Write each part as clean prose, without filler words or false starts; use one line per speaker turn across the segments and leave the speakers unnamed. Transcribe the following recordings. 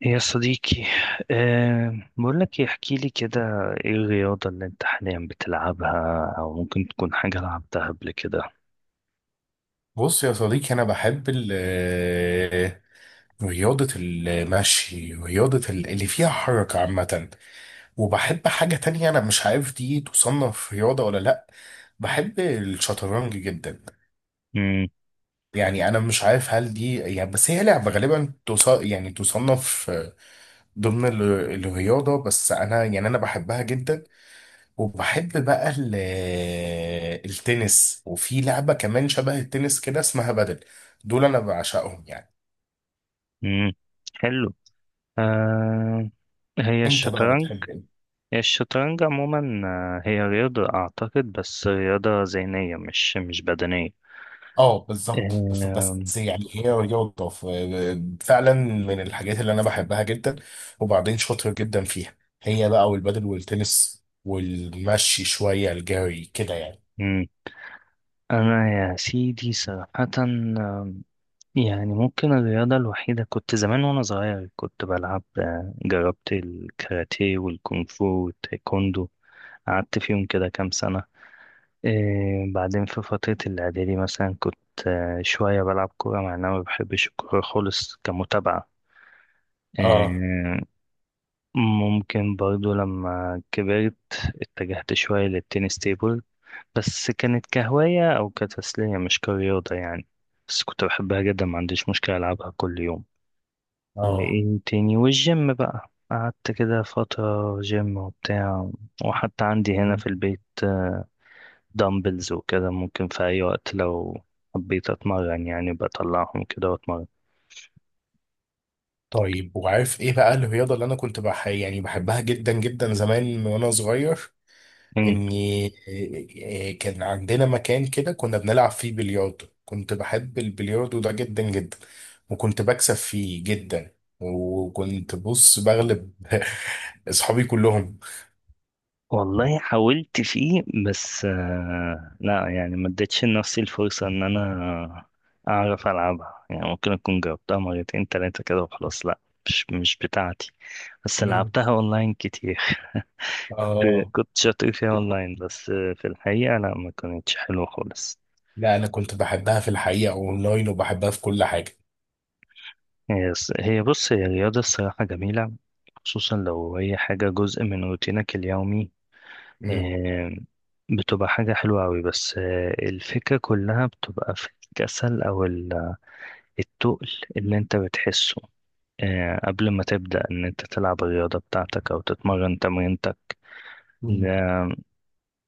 يا صديقي، بقول لك احكي لي كده، ايه الرياضة اللي انت حاليا بتلعبها او ممكن تكون حاجة لعبتها قبل كده؟
بص يا صديقي، أنا بحب رياضة المشي، رياضة اللي فيها حركة عامة. وبحب حاجة تانية، أنا مش عارف دي تصنف رياضة ولا لأ. بحب الشطرنج جدا.
امم.
يعني أنا مش عارف هل دي يعني، بس هي لعبة غالبا يعني تصنف ضمن الرياضة. بس أنا يعني أنا بحبها جدا. وبحب بقى التنس، وفي لعبة كمان شبه التنس كده اسمها بدل. دول انا بعشقهم يعني.
امم. حلو. أه. هي
انت بقى
الشطرنج.
بتحب ايه؟
هي الشطرنج عموما، هي رياضة اعتقد، بس رياضة ذهنية مش بدنية.
اه، بالظبط. بس
أه.
بس يعني هي رياضة، فعلا من الحاجات اللي انا بحبها جدا، وبعدين شاطر جدا فيها. هي بقى والبدل والتنس والمشي، شوية الجري كده يعني.
أمم. انا يا سيدي صراحة، آه، يعني ممكن الرياضة الوحيدة، كنت زمان وأنا صغير كنت بلعب، جربت الكاراتيه والكونغ فو والتايكوندو. قعدت فيهم كده كام سنة. بعدين في فترة الإعدادي مثلا كنت، شوية بلعب كورة، مع إن أنا ما بحبش الكورة خالص كمتابعة.
اه.
آه، ممكن برضو لما كبرت اتجهت شوية للتنس تيبل. بس كانت كهواية أو كتسلية، مش كرياضة يعني. بس كنت بحبها جدا، ما عنديش مشكلة ألعبها كل يوم.
اه.
وايه تاني، والجيم بقى قعدت كده فترة، جيم وبتاع. وحتى عندي هنا في البيت دمبلز وكده. ممكن في أي وقت لو حبيت أتمرن يعني بطلعهم كده وأتمرن.
طيب، وعارف ايه بقى الرياضة اللي انا كنت يعني بحبها جدا جدا زمان وانا صغير؟
مم.
اني إيه، كان عندنا مكان كده كنا بنلعب فيه بلياردو. كنت بحب البلياردو ده جدا جدا، وكنت بكسب فيه جدا، وكنت بص بغلب اصحابي كلهم.
والله حاولت فيه بس لا، يعني ما اديتش لنفسي الفرصة إن أنا أعرف ألعبها، يعني ممكن أكون جربتها مرتين تلاتة كده وخلاص. لا، مش بتاعتي. بس
مم.
لعبتها أونلاين كتير. كنت
اه.
كنت شاطر فيها اونلاين. بس في الحقيقة لا، ما كانتش حلوة خالص.
لا، انا كنت بحبها في الحقيقة اونلاين، وبحبها في كل حاجة.
هي هي بص، هي رياضة الصراحة جميلة، خصوصا لو هي حاجة جزء من روتينك اليومي.
امم.
آه، بتبقى حاجة حلوة أوي، بس الفكرة كلها بتبقى في الكسل أو التقل اللي أنت بتحسه، قبل ما تبدأ إن أنت تلعب الرياضة بتاعتك أو تتمرن تمرينتك.
مم.
لا-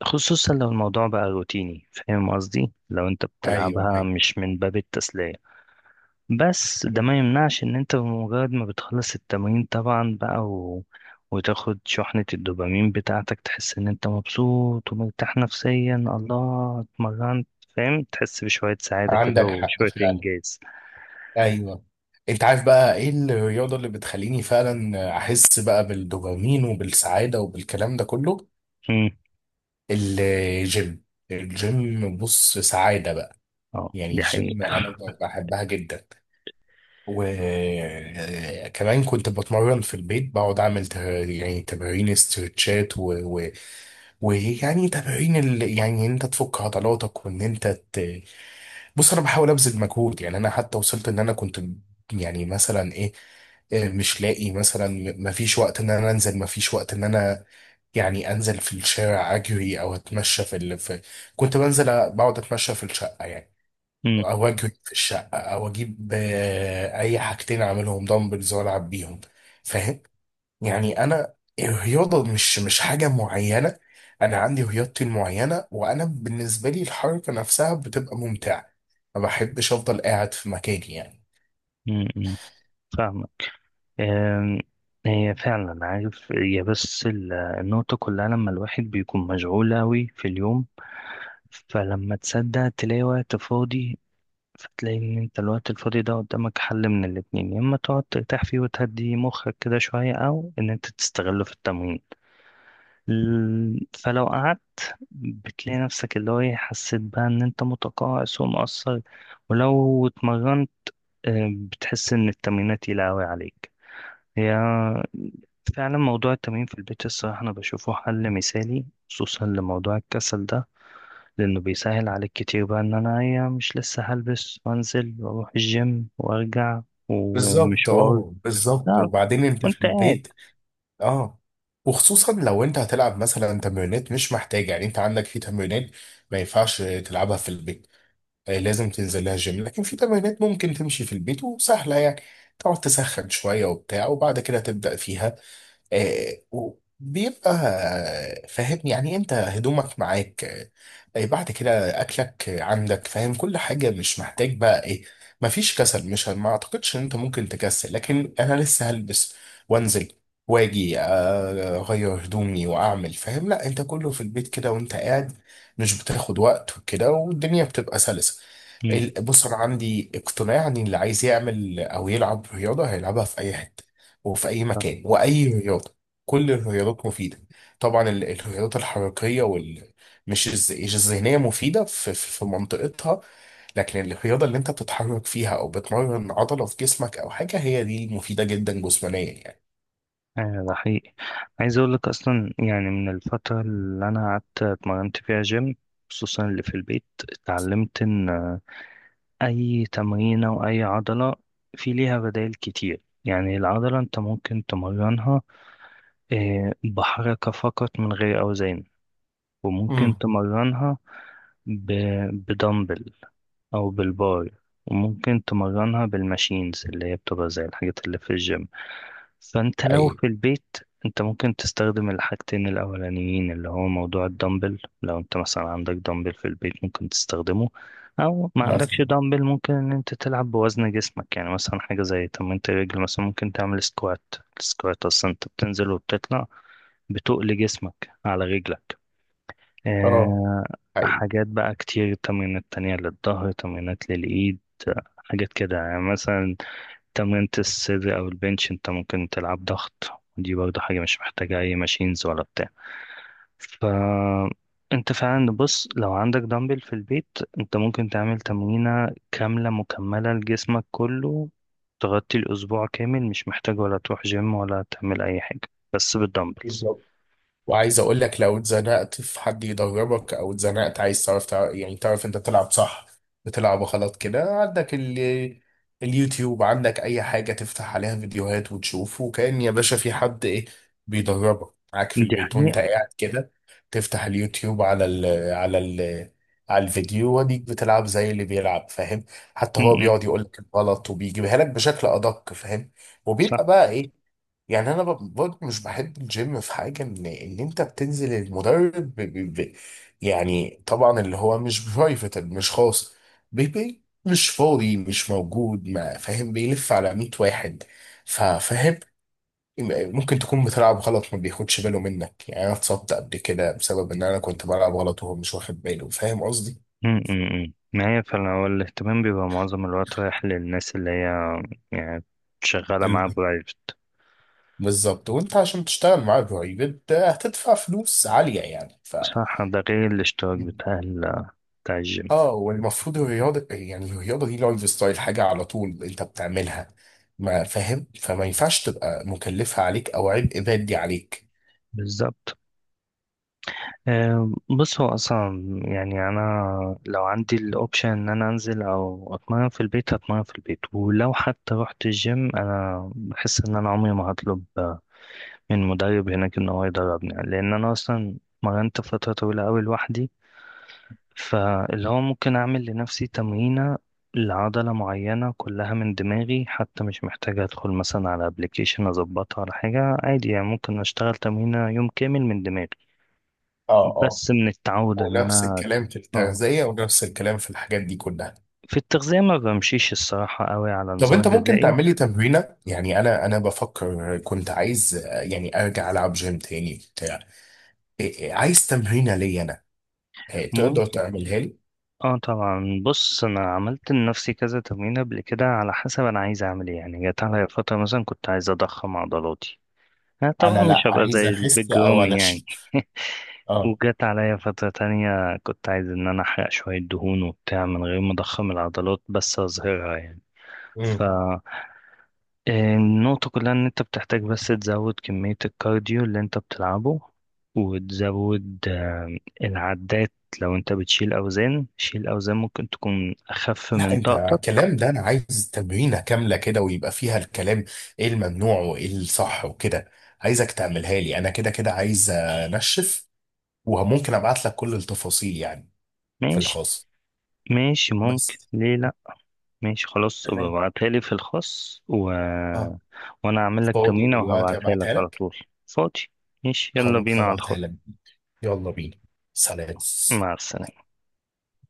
خصوصا لو الموضوع بقى روتيني، فاهم قصدي؟ لو أنت
ايوه،
بتلعبها
ايوه.
مش من باب التسلية. بس ده
مم.
ما يمنعش ان انت بمجرد ما بتخلص التمرين طبعا بقى وتاخد شحنة الدوبامين بتاعتك، تحس ان انت مبسوط ومرتاح نفسيا، الله اتمرنت، فاهم؟ تحس بشوية سعادة كده
عندك حق
وشوية
فعلا.
انجاز.
ايوه. انت عارف بقى ايه الرياضة اللي بتخليني فعلا احس بقى بالدوبامين وبالسعادة وبالكلام ده كله؟
امم.
الجيم. الجيم بص، سعادة بقى.
اه،
يعني
دي
الجيم
حقيقة.
أنا بحبها جدا. وكمان كنت بتمرن في البيت، بقعد أعمل يعني تمارين استرتشات ويعني تمارين يعني إن أنت تفك عضلاتك، وإن أنت ت... بص أنا بحاول أبذل مجهود. يعني أنا حتى وصلت إن أنا كنت، يعني مثلا إيه، مش لاقي مثلا، مفيش وقت ان انا يعني انزل في الشارع اجري او اتمشى كنت بنزل، بقعد اتمشى في الشقه يعني،
امم.
او اجري في الشقه، او اجيب اي حاجتين اعملهم دمبلز والعب بيهم. فاهم؟ يعني انا الرياضه مش حاجه معينه. انا عندي رياضتي المعينه، وانا بالنسبه لي الحركه نفسها بتبقى ممتعه. ما بحبش افضل قاعد في مكاني يعني.
امم. أمم. فاهمة. أم، هي فعلا، عارف، هي بس النقطة كلها لما الواحد بيكون مشغول أوي في اليوم. فلما تصدق تلاقي وقت فاضي، فتلاقي ان انت الوقت الفاضي ده قدامك حل من الاتنين: يا اما تقعد ترتاح فيه وتهدي مخك كده شوية، او ان انت تستغله في التمرين. فلو قعدت، بتلاقي نفسك اللي هو ايه، حسيت بقى ان انت متقاعس ومقصر. ولو اتمرنت، بتحس ان التمرينات تقيلة اوي عليك. هي فعلا موضوع التمرين في البيت، الصراحة انا بشوفه حل مثالي، خصوصا لموضوع الكسل ده، لأنه بيسهل عليك كتير بقى إن أنا إيه، مش لسه هلبس وأنزل وأروح الجيم وأرجع
بالظبط،
ومشوار.
اه، بالظبط.
لا،
وبعدين انت
وأنت
في
قاعد.
البيت. اه. وخصوصا لو انت هتلعب مثلا تمرينات مش محتاج، يعني انت عندك في تمرينات ما ينفعش تلعبها في البيت، لازم تنزل لها جيم. لكن في تمرينات ممكن تمشي في البيت وسهلة يعني. تقعد تسخن شوية وبتاع، وبعد كده تبدأ فيها. وبيبقى فاهم يعني إيه، انت هدومك معاك، إيه بعد كده اكلك، عندك، فاهم، كل حاجه، مش محتاج بقى ايه. مفيش كسل، مش ما اعتقدش ان انت ممكن تكسل. لكن انا لسه هلبس وانزل واجي، اغير هدومي واعمل، فاهم؟ لا، انت كله في البيت كده وانت قاعد، مش بتاخد وقت وكده، والدنيا بتبقى سلسه.
مم.
بص انا عندي اقتناع ان اللي عايز يعمل او يلعب رياضه هيلعبها في اي حته، وفي أي
صح.
مكان، وأي رياضة. كل الرياضات مفيدة. طبعا الرياضات الحركية وال، مش الذهنية مفيدة في منطقتها. لكن الرياضة اللي أنت بتتحرك فيها أو بتمرن عضلة في جسمك أو حاجة، هي دي المفيدة جدا جسمانيا يعني.
ده حقيقي. عايز أقول لك، أصلا يعني من الفترة اللي أنا قعدت اتمرنت فيها جيم، خصوصا اللي في البيت، اتعلمت إن أي تمرينة وأي عضلة في ليها بدائل كتير. يعني العضلة أنت ممكن تمرنها بحركة فقط من غير أوزان، وممكن
امم.
تمرنها ب... بدمبل أو بالبار، وممكن تمرنها بالماشينز اللي هي بتبقى زي الحاجات اللي في الجيم. فأنت لو
حقيقي.
في البيت، أنت ممكن تستخدم الحاجتين الأولانيين، اللي هو موضوع الدمبل. لو أنت مثلا عندك دمبل في البيت ممكن تستخدمه، أو ما عندكش
مثلا.
دمبل ممكن إن أنت تلعب بوزن جسمك. يعني مثلا حاجة زي تمرينة الرجل، مثلا ممكن تعمل سكوات. السكوات أصلا أنت بتنزل وبتطلع، بتقل جسمك على رجلك.
اه،
آه،
حقيقي.
حاجات بقى كتير، تمرينات تانية للظهر، تمرينات للإيد، حاجات كده. يعني مثلا تمرينة الصدر أو البنش أنت ممكن تلعب ضغط، ودي برضه حاجة مش محتاجة أي ماشينز ولا بتاع. ف أنت فعلا، بص، لو عندك دمبل في البيت أنت ممكن تعمل تمرينة كاملة مكملة لجسمك كله، تغطي الأسبوع كامل، مش محتاج ولا تروح جيم ولا تعمل أي حاجة، بس بالدمبلز.
وعايز اقول لك، لو اتزنقت في حد يدربك، او اتزنقت عايز تعرف يعني تعرف انت تلعب صح بتلعب غلط كده، عندك اليوتيوب، عندك اي حاجة تفتح عليها فيديوهات وتشوف، وكأن يا باشا في حد، ايه، بيدربك معاك في
دي
البيت وانت
حقيقة.
قاعد كده. تفتح اليوتيوب على الفيديو، وديك بتلعب زي اللي بيلعب، فاهم. حتى
م-
هو
م،
بيقعد يقول لك الغلط، وبيجيبها لك بشكل ادق، فاهم. وبيبقى
صح.
بقى ايه. يعني انا برضه مش بحب الجيم في حاجه، ان انت بتنزل، المدرب يعني طبعا اللي هو مش برايفت، مش خاص بي، مش فاضي، مش موجود، ما فاهم، بيلف على 100 واحد. ففاهم، ممكن تكون بتلعب غلط، ما بياخدش باله منك. يعني انا اتصبت قبل كده بسبب ان انا كنت بلعب غلط وهو مش واخد باله، فاهم قصدي.
أمم. أمم. ما هي فعلا، هو الاهتمام بيبقى معظم الوقت رايح للناس اللي هي يعني شغالة معاه
ال-
برايفت.
بالظبط. وانت عشان تشتغل معاه برايفت هتدفع فلوس عاليه يعني،
صح، ده غير الاشتراك بتاع بتاع الجيم.
اه، والمفروض الرياضة، يعني الرياضة دي لايف ستايل، حاجة على طول انت بتعملها، ما فاهم، فما ينفعش تبقى مكلفة عليك او عبء مادي عليك.
بالظبط. بص هو أصلا يعني أنا لو عندي الأوبشن إن أنا أنزل أو أتمرن في البيت هتمرن في البيت. ولو حتى رحت الجيم أنا بحس إن أنا عمري ما هطلب من مدرب هناك إن هو يدربني، لأن أنا أصلا اتمرنت فترة طويلة أوي لوحدي. فاللي هو ممكن أعمل لنفسي تمرينة لعضلة معينة كلها من دماغي، حتى مش محتاجة أدخل مثلا على أبليكيشن أظبطها على حاجة، عادي يعني ممكن أشتغل تمرينة يوم كامل من دماغي.
اه. اه.
بس من التعود إن
ونفس
أنا
الكلام في
اه
التغذية، ونفس الكلام في الحاجات دي كلها.
في التغذية ما بمشيش الصراحة قوي على
طب
نظام
انت ممكن
غذائي.
تعمل لي تمرينة؟ يعني انا بفكر، كنت عايز، يعني ارجع العب جيم تاني بتاع إيه- إيه، عايز تمرينة ليا انا، تقدر
ممكن.
تعملها لي؟
اه طبعا بص انا عملت لنفسي كذا تمرين قبل كده، على حسب انا عايز اعمل ايه. يعني جت عليا فترة مثلا كنت عايز اضخم عضلاتي، انا
انا
طبعا
لا،
مش هبقى
عايز
زي
اخس
البيج
او
رامي يعني.
انشف. اه.
وجت عليا فترة تانية كنت عايز إن أنا أحرق شوية دهون وبتاع، من غير ما أضخم العضلات بس أظهرها يعني. فالنقطة كلها إن أنت بتحتاج بس تزود كمية الكارديو اللي أنت بتلعبه، وتزود العدات. لو أنت بتشيل أوزان، شيل أوزان ممكن تكون أخف
لا،
من
انت
طاقتك.
كلام ده، انا عايز تمرينه كامله كده، ويبقى فيها الكلام، ايه الممنوع وايه الصح وكده. عايزك تعملها لي انا، كده كده عايز انشف. وممكن ابعت لك كل التفاصيل يعني، في
ماشي.
الخاص.
ماشي، ممكن
بس.
ليه. ماشي خلاص، ابقى
تمام.
ابعتها لي في الخاص
اه.
وانا هعمل لك
فاضي
تمرينة
دلوقتي،
وهبعتها لك
ابعتها
على
لك.
طول. فاضي. ماشي، يلا
خلاص،
بينا على
هبعتها
الخاص.
لك. يلا بينا. سلام.
مع السلامة.